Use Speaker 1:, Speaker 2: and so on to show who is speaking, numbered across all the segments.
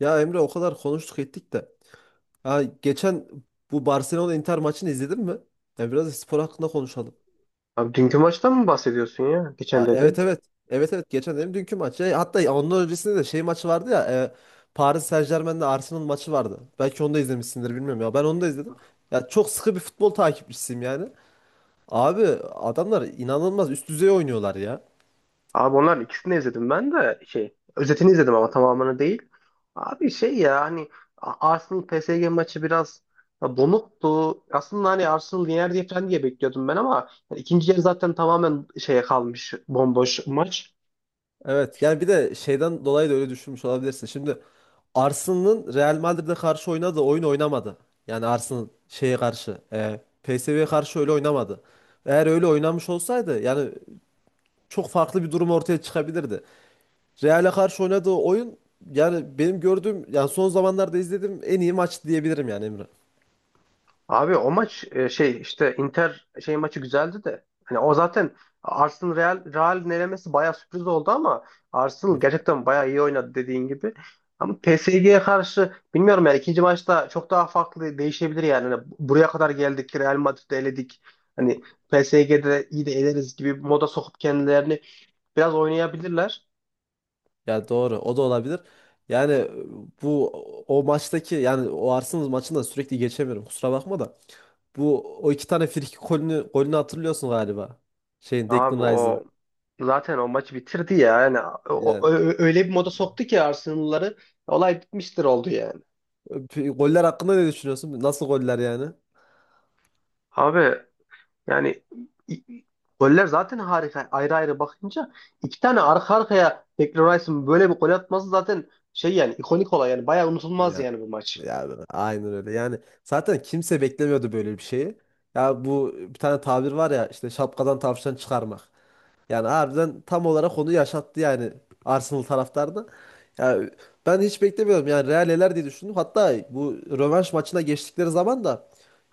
Speaker 1: Ya Emre o kadar konuştuk ettik de. Ha, geçen bu Barcelona Inter maçını izledin mi? Ya biraz da spor hakkında konuşalım.
Speaker 2: Abi dünkü maçtan mı bahsediyorsun ya? Geçen
Speaker 1: Ha, evet
Speaker 2: dediğin.
Speaker 1: evet. Evet evet geçen dedim dünkü maç. Ya, hatta ondan öncesinde de şey maçı vardı ya. Paris Saint-Germain'le Arsenal maçı vardı. Belki onu da izlemişsindir bilmiyorum ya. Ben onu da izledim. Ya çok sıkı bir futbol takipçisiyim yani. Abi adamlar inanılmaz üst düzey oynuyorlar ya.
Speaker 2: Abi onlar ikisini izledim ben de şey özetini izledim ama tamamını değil. Abi şey ya hani Arsenal PSG maçı biraz donuktu. Aslında hani Arsenal yener diye falan diye bekliyordum ben ama yani ikinci yarı zaten tamamen şeye kalmış bomboş maç.
Speaker 1: Evet yani bir de şeyden dolayı da öyle düşünmüş olabilirsin. Şimdi Arsenal'ın Real Madrid'e karşı oynadığı oyun oynamadı. Yani Arsenal şeye karşı, PSV'ye karşı öyle oynamadı. Eğer öyle oynamış olsaydı yani çok farklı bir durum ortaya çıkabilirdi. Real'e karşı oynadığı oyun yani benim gördüğüm yani son zamanlarda izlediğim en iyi maç diyebilirim yani Emre.
Speaker 2: Abi o maç şey işte Inter şey maçı güzeldi de. Hani o zaten Arsenal Real'in elemesi bayağı sürpriz oldu ama
Speaker 1: Hı.
Speaker 2: Arsenal gerçekten bayağı iyi oynadı dediğin gibi. Ama PSG'ye karşı bilmiyorum yani ikinci maçta çok daha farklı değişebilir yani. Hani buraya kadar geldik Real Madrid'i eledik. Hani PSG'de iyi de eleriz gibi bir moda sokup kendilerini biraz oynayabilirler.
Speaker 1: Ya doğru o da olabilir. Yani bu o maçtaki yani o Arsenal maçında sürekli geçemiyorum, kusura bakma da. Bu o iki tane frikik golünü, golünü hatırlıyorsun galiba. Şeyin
Speaker 2: Abi
Speaker 1: Declan Rice'ın.
Speaker 2: o zaten o maçı bitirdi ya. Yani o-
Speaker 1: Ya
Speaker 2: o- öyle bir moda soktu ki Arsenal'ları olay bitmiştir oldu yani.
Speaker 1: Goller hakkında ne düşünüyorsun? Nasıl goller yani?
Speaker 2: Abi yani i- i- goller zaten harika. Ayrı ayrı bakınca iki tane arka arkaya Declan Rice'ın böyle bir gol atması zaten şey yani ikonik olay yani bayağı unutulmaz
Speaker 1: Ya
Speaker 2: yani bu maç.
Speaker 1: Ya aynen öyle. Yani zaten kimse beklemiyordu böyle bir şeyi. Ya bu, bir tane tabir var ya işte, şapkadan tavşan çıkarmak. Yani harbiden tam olarak onu yaşattı yani Arsenal taraftarına. Yani ben hiç beklemiyordum. Yani Real eler diye düşündüm. Hatta bu rövanş maçına geçtikleri zaman da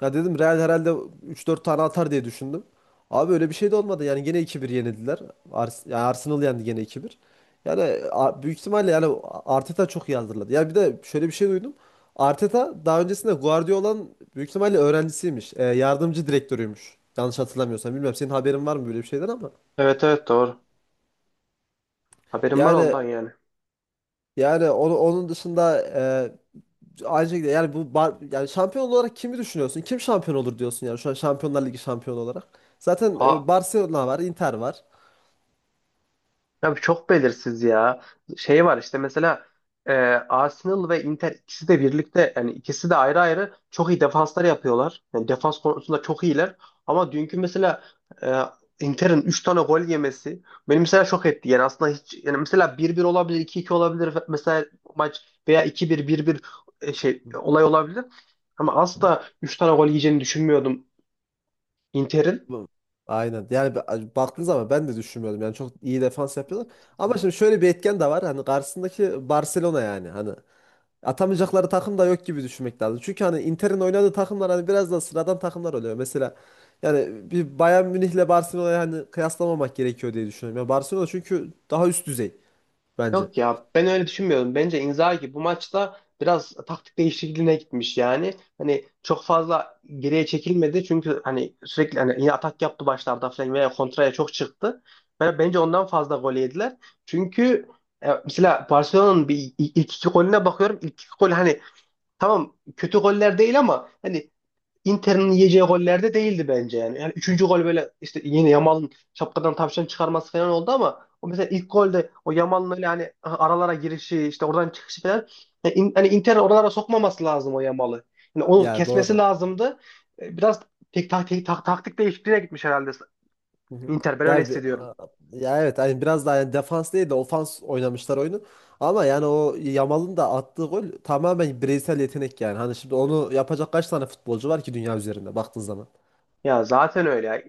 Speaker 1: ya dedim Real herhalde üç dört tane atar diye düşündüm. Abi öyle bir şey de olmadı. Yani gene iki bir yenildiler. Yani Arsenal yendi gene iki bir. Yani büyük ihtimalle yani Arteta çok iyi hazırladı. Yani bir de şöyle bir şey duydum. Arteta daha öncesinde Guardiola'nın büyük ihtimalle öğrencisiymiş. Yardımcı direktörüymüş. Yanlış hatırlamıyorsam. Bilmiyorum senin haberin var mı böyle bir şeyden ama.
Speaker 2: Evet, evet, doğru. Haberim var
Speaker 1: Yani
Speaker 2: ondan yani.
Speaker 1: onu, onun dışında aynı şekilde yani bu yani şampiyon olarak kimi düşünüyorsun? Kim şampiyon olur diyorsun yani şu an Şampiyonlar Ligi şampiyonu olarak. Zaten
Speaker 2: Ha,
Speaker 1: Barcelona var, Inter var.
Speaker 2: ya bu çok belirsiz ya. Şey var işte mesela e, Arsenal ve Inter ikisi de birlikte yani ikisi de ayrı ayrı çok iyi defanslar yapıyorlar. Yani defans konusunda çok iyiler. Ama dünkü mesela e, Inter'in 3 tane gol yemesi beni mesela şok etti. Yani aslında hiç yani mesela bir bir olabilir, iki iki olabilir mesela maç veya iki bir bir bir şey olay olabilir. Ama asla 3 tane gol yiyeceğini düşünmüyordum Inter'in.
Speaker 1: Bu- Aynen. Yani baktığın zaman ben de düşünmüyordum. Yani çok iyi defans yapıyorlar. Ama şimdi şöyle bir etken de var. Hani karşısındaki Barcelona yani. Hani atamayacakları takım da yok gibi düşünmek lazım. Çünkü hani Inter'in oynadığı takımlar hani biraz da sıradan takımlar oluyor. Mesela yani bir Bayern Münih'le Barcelona'yı hani kıyaslamamak gerekiyor diye düşünüyorum. Ya Barcelona çünkü daha üst düzey bence.
Speaker 2: Yok ya ben öyle düşünmüyorum. Bence Inzaghi bu maçta biraz taktik değişikliğine gitmiş yani. Hani çok fazla geriye çekilmedi çünkü hani sürekli hani yine atak yaptı başlarda falan veya kontraya çok çıktı. Bence ondan fazla gol yediler. Çünkü mesela Barcelona'nın bir ilk iki golüne bakıyorum. İlk iki gol hani tamam kötü goller değil ama hani Inter'in yiyeceği gollerde değildi bence yani. Yani üçüncü gol böyle işte yine Yamal'ın şapkadan tavşan çıkarması falan oldu ama o mesela ilk golde o Yamal'ın öyle hani aralara girişi işte oradan çıkışı falan yani hani Inter oralara sokmaması lazım o Yamal'ı. Yani onu
Speaker 1: Ya
Speaker 2: kesmesi
Speaker 1: doğru.
Speaker 2: lazımdı. Biraz taktik değişikliğine gitmiş herhalde
Speaker 1: Hı hı.
Speaker 2: Inter. Ben öyle
Speaker 1: Ya bir,
Speaker 2: hissediyorum.
Speaker 1: ya evet hani biraz daha yani defans değil de ofans oynamışlar oyunu. Ama yani o Yamal'ın da attığı gol tamamen bireysel yetenek yani. Hani şimdi onu yapacak kaç tane futbolcu var ki dünya üzerinde baktığın zaman.
Speaker 2: Ya zaten öyle.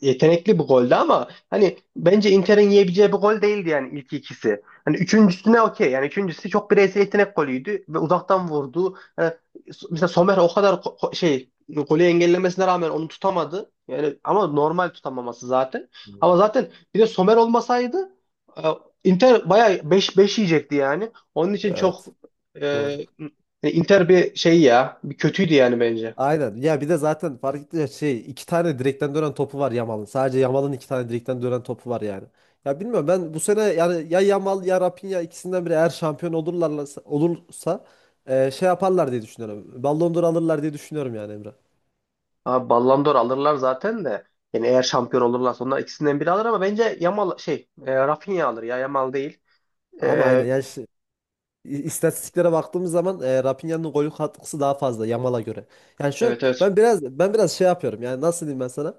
Speaker 2: Yetenekli bu golde ama hani bence Inter'in yiyebileceği bir gol değildi yani ilk ikisi. Hani üçüncüsüne okey. Yani üçüncüsü çok bireysel yetenek golüydü ve uzaktan vurdu. Hani mesela Sommer o kadar şey golü engellemesine rağmen onu tutamadı. Yani ama normal tutamaması zaten.
Speaker 1: Hı.
Speaker 2: Ama zaten bir de Sommer olmasaydı e, Inter bayağı 5-5 yiyecekti yani. Onun için çok
Speaker 1: Evet.
Speaker 2: e,
Speaker 1: Doğru.
Speaker 2: hani Inter bir şey ya, bir kötüydü yani bence.
Speaker 1: Aynen. Ya bir de zaten fark etti ya şey, iki tane direkten dönen topu var Yamal'ın. Sadece Yamal'ın iki tane direkten dönen topu var yani. Ya bilmiyorum, ben bu sene yani ya Yamal ya Rafinha ikisinden biri eğer şampiyon olurlarsa şey yaparlar diye düşünüyorum. Ballon d'Or alırlar diye düşünüyorum yani Emre.
Speaker 2: Abi Ballon d'Or alırlar zaten de. Yani eğer şampiyon olurlarsa onlar ikisinden biri alır ama bence Yamal şey Rafinha alır ya Yamal değil.
Speaker 1: Ama aynen
Speaker 2: E,
Speaker 1: yani şey, istatistiklere baktığımız zaman Rafinha'nın gol katkısı daha fazla Yamal'a göre. Yani şu an
Speaker 2: evet evet.
Speaker 1: ben biraz şey yapıyorum. Yani nasıl diyeyim ben sana?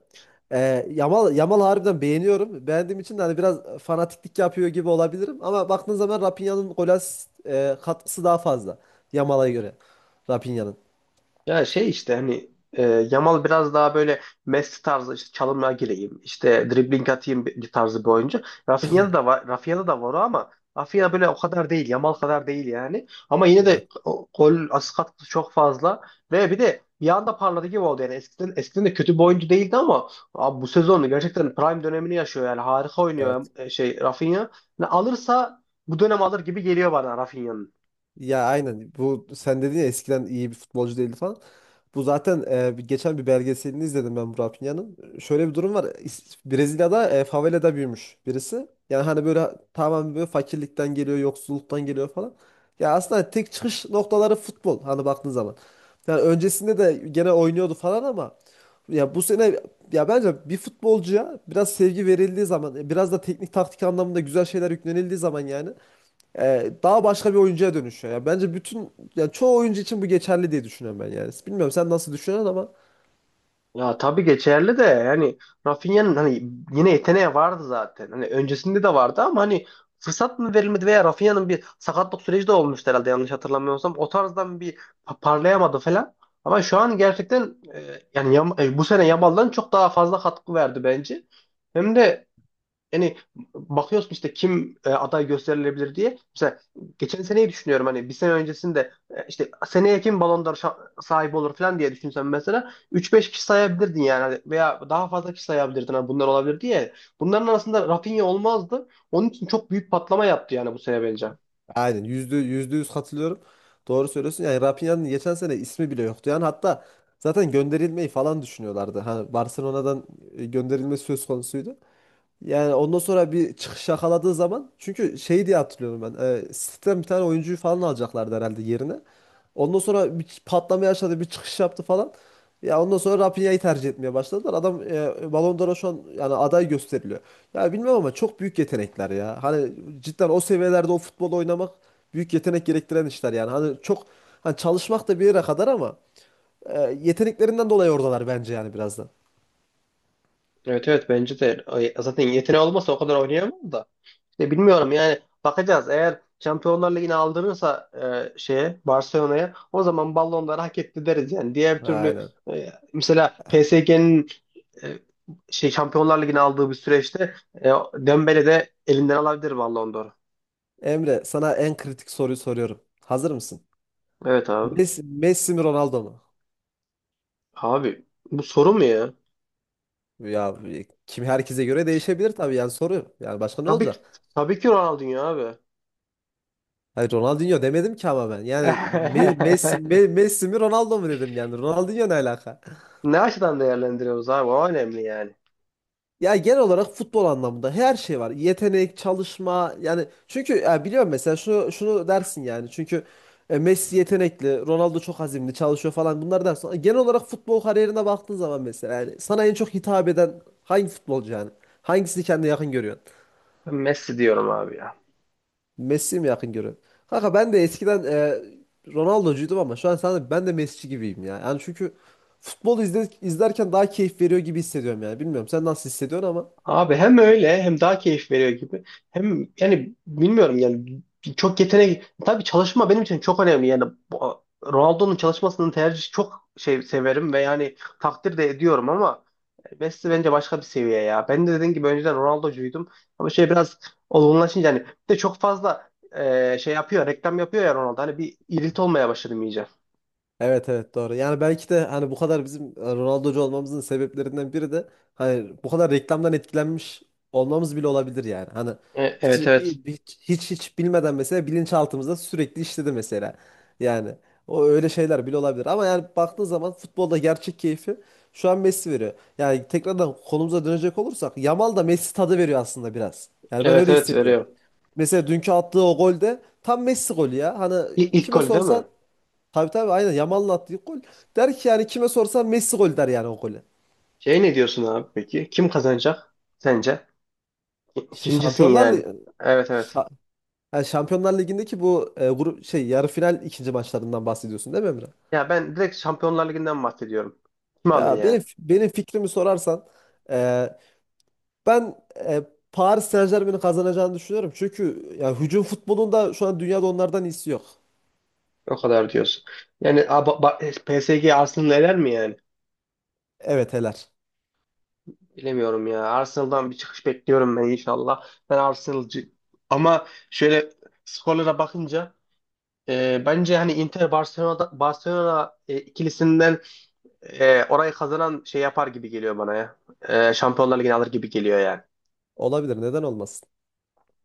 Speaker 1: Yamal harbiden beğeniyorum. Beğendiğim için de hani biraz fanatiklik yapıyor gibi olabilirim ama baktığın zaman Rafinha'nın gol asist katkısı daha fazla Yamal'a göre. Rafinha'nın.
Speaker 2: Ya şey işte hani Yamal biraz daha böyle Messi tarzı işte çalımla gireyim, işte dribbling atayım bir tarzı bir oyuncu. Rafinha'da da var, Rafinha'da da var o ama Rafinha böyle o kadar değil, Yamal kadar değil yani. Ama yine
Speaker 1: Yani.
Speaker 2: de gol asist katkısı çok fazla ve bir de bir anda parladı gibi oldu yani eskiden eskiden de kötü bir oyuncu değildi ama abi bu sezonu gerçekten prime dönemini yaşıyor yani harika oynuyor
Speaker 1: Evet.
Speaker 2: şey Rafinha. Yani alırsa bu dönem alır gibi geliyor bana Rafinha'nın.
Speaker 1: Ya aynen, bu sen dedin ya eskiden iyi bir futbolcu değildi falan. Bu zaten geçen bir belgeselini izledim ben Burak Pinya'nın. Şöyle bir durum var. Brezilya'da favelada büyümüş birisi. Yani hani böyle tamamen böyle fakirlikten geliyor, yoksulluktan geliyor falan. Ya aslında tek çıkış noktaları futbol hani baktığın zaman. Yani öncesinde de gene oynuyordu falan ama ya bu sene ya bence bir futbolcuya biraz sevgi verildiği zaman, biraz da teknik taktik anlamında güzel şeyler yüklenildiği zaman yani daha başka bir oyuncuya dönüşüyor. Yani bence bütün yani çoğu oyuncu için bu geçerli diye düşünüyorum ben yani. Bilmiyorum sen nasıl düşünüyorsun ama
Speaker 2: Ya tabii geçerli de yani Rafinha'nın hani yine yeteneği vardı zaten. Hani öncesinde de vardı ama hani fırsat mı verilmedi veya Rafinha'nın bir sakatlık süreci de olmuştu herhalde yanlış hatırlamıyorsam. O tarzdan bir parlayamadı falan. Ama şu an gerçekten yani bu sene Yamal'dan çok daha fazla katkı verdi bence. Hem de yani bakıyorsun işte kim aday gösterilebilir diye. Mesela geçen seneyi düşünüyorum hani bir sene öncesinde işte seneye kim Ballon d'Or sahibi olur falan diye düşünsem mesela 3-5 kişi sayabilirdin yani hani veya daha fazla kişi sayabilirdin hani bunlar olabilir diye. Bunların arasında Rafinha olmazdı. Onun için çok büyük patlama yaptı yani bu sene bence.
Speaker 1: aynen, yüzde yüz katılıyorum. Doğru söylüyorsun. Yani Rafinha'nın geçen sene ismi bile yoktu. Yani hatta zaten gönderilmeyi falan düşünüyorlardı. Hani Barcelona'dan gönderilme söz konusuydu. Yani ondan sonra bir çıkış yakaladığı zaman çünkü şey diye hatırlıyorum ben. City'den bir tane oyuncuyu falan alacaklardı herhalde yerine. Ondan sonra bir patlama yaşadı, bir çıkış yaptı falan. Ya ondan sonra Rafinha'yı tercih etmeye başladılar. Adam Ballon d'Or'a şu an yani aday gösteriliyor. Ya bilmem ama çok büyük yetenekler ya. Hani cidden o seviyelerde o futbol oynamak büyük yetenek gerektiren işler yani. Hani çok çalışmak da bir yere kadar ama yeteneklerinden dolayı oradalar bence yani biraz da.
Speaker 2: Evet, evet, bence de. Zaten yeteneği olmasa o kadar oynayamaz da. Ya bilmiyorum yani bakacağız. Eğer Şampiyonlar Ligi'ni aldırırsa şeye Barcelona'ya o zaman ballonları hak etti deriz yani. Diğer türlü
Speaker 1: Aynen.
Speaker 2: mesela PSG'nin e, şey Şampiyonlar Ligi'ni aldığı bir süreçte Dembele de elinden alabilir Ballon d'Or'u.
Speaker 1: Emre, sana en kritik soruyu soruyorum. Hazır mısın?
Speaker 2: Evet abi.
Speaker 1: Messi mi Ronaldo mu?
Speaker 2: Abi bu soru mu ya?
Speaker 1: Ya kim, herkese göre değişebilir tabii yani soru. Yani başka ne
Speaker 2: Tabii ki,
Speaker 1: olacak?
Speaker 2: tabii ki Ronaldinho abi.
Speaker 1: Hayır Ronaldinho demedim ki ama ben. Yani Messi, Messi mi Ronaldo mu dedim yani. Ronaldinho ne alaka?
Speaker 2: Ne açıdan değerlendiriyoruz abi? O önemli yani.
Speaker 1: Ya genel olarak futbol anlamında her şey var. Yetenek, çalışma yani çünkü ya biliyorum mesela şunu şunu dersin yani. Çünkü Messi yetenekli, Ronaldo çok azimli, çalışıyor falan bunlar dersin. Ama genel olarak futbol kariyerine baktığın zaman mesela yani sana en çok hitap eden hangi futbolcu yani? Hangisini kendine yakın görüyorsun?
Speaker 2: Ben Messi diyorum abi ya.
Speaker 1: Messi mi yakın görüyorsun? Kanka ben de eskiden Ronaldo'cuydum ama şu an sana ben de Messi'ci gibiyim ya. Yani çünkü futbolu izlerken daha keyif veriyor gibi hissediyorum yani. Bilmiyorum sen nasıl hissediyorsun ama
Speaker 2: Abi hem öyle hem daha keyif veriyor gibi. Hem yani bilmiyorum yani çok yetenek tabii çalışma benim için çok önemli yani Ronaldo'nun çalışmasını tercih çok şey severim ve yani takdir de ediyorum ama Messi bence başka bir seviye ya. Ben de dediğim gibi önceden Ronaldo'cuydum ama şey biraz olgunlaşınca hani bir de çok fazla şey yapıyor reklam yapıyor ya Ronaldo hani bir irit olmaya başladım iyice.
Speaker 1: evet evet, doğru. Yani belki de hani bu kadar bizim Ronaldo'cu olmamızın sebeplerinden biri de hani bu kadar reklamdan etkilenmiş olmamız bile olabilir yani. Hani
Speaker 2: E,
Speaker 1: hiç
Speaker 2: evet evet,
Speaker 1: hiç bilmeden mesela bilinçaltımızda sürekli işledi mesela. Yani o öyle şeyler bile olabilir ama yani baktığın zaman futbolda gerçek keyfi şu an Messi veriyor. Yani tekrardan konumuza dönecek olursak Yamal da Messi tadı veriyor aslında biraz. Yani ben
Speaker 2: evet,
Speaker 1: öyle
Speaker 2: evet,
Speaker 1: hissediyorum.
Speaker 2: veriyor.
Speaker 1: Mesela dünkü attığı o golde tam Messi golü ya. Hani
Speaker 2: İlk
Speaker 1: kime
Speaker 2: golü değil mi?
Speaker 1: sorsan, tabii tabii aynen Yamal'ın attığı gol. Der ki yani kime sorsan Messi gol der yani o golü.
Speaker 2: Şey ne diyorsun abi peki? Kim kazanacak sence?
Speaker 1: Şey,
Speaker 2: Kimcisin
Speaker 1: Şampiyonlar
Speaker 2: yani?
Speaker 1: Ligi,
Speaker 2: Evet, evet.
Speaker 1: Şa- yani Şampiyonlar Ligi'ndeki bu grup şey yarı final ikinci maçlarından bahsediyorsun değil mi Emre?
Speaker 2: Ya ben direkt Şampiyonlar Ligi'nden bahsediyorum. Kim alır
Speaker 1: Ya
Speaker 2: yani?
Speaker 1: benim fikrimi sorarsan e, ben Paris Saint-Germain'in kazanacağını düşünüyorum. Çünkü ya hücum futbolunda şu an dünyada onlardan iyisi yok.
Speaker 2: O kadar diyorsun. Yani PSG Arsenal eler mi yani?
Speaker 1: Evet heler.
Speaker 2: Bilemiyorum ya. Arsenal'dan bir çıkış bekliyorum ben inşallah. Ben Arsenal'cı. Ama şöyle skorlara bakınca bence hani Inter Barcelona Barcelona ikilisinden orayı kazanan şey yapar gibi geliyor bana ya. Şampiyonlar Ligi'ni alır gibi geliyor yani.
Speaker 1: Olabilir, neden olmasın?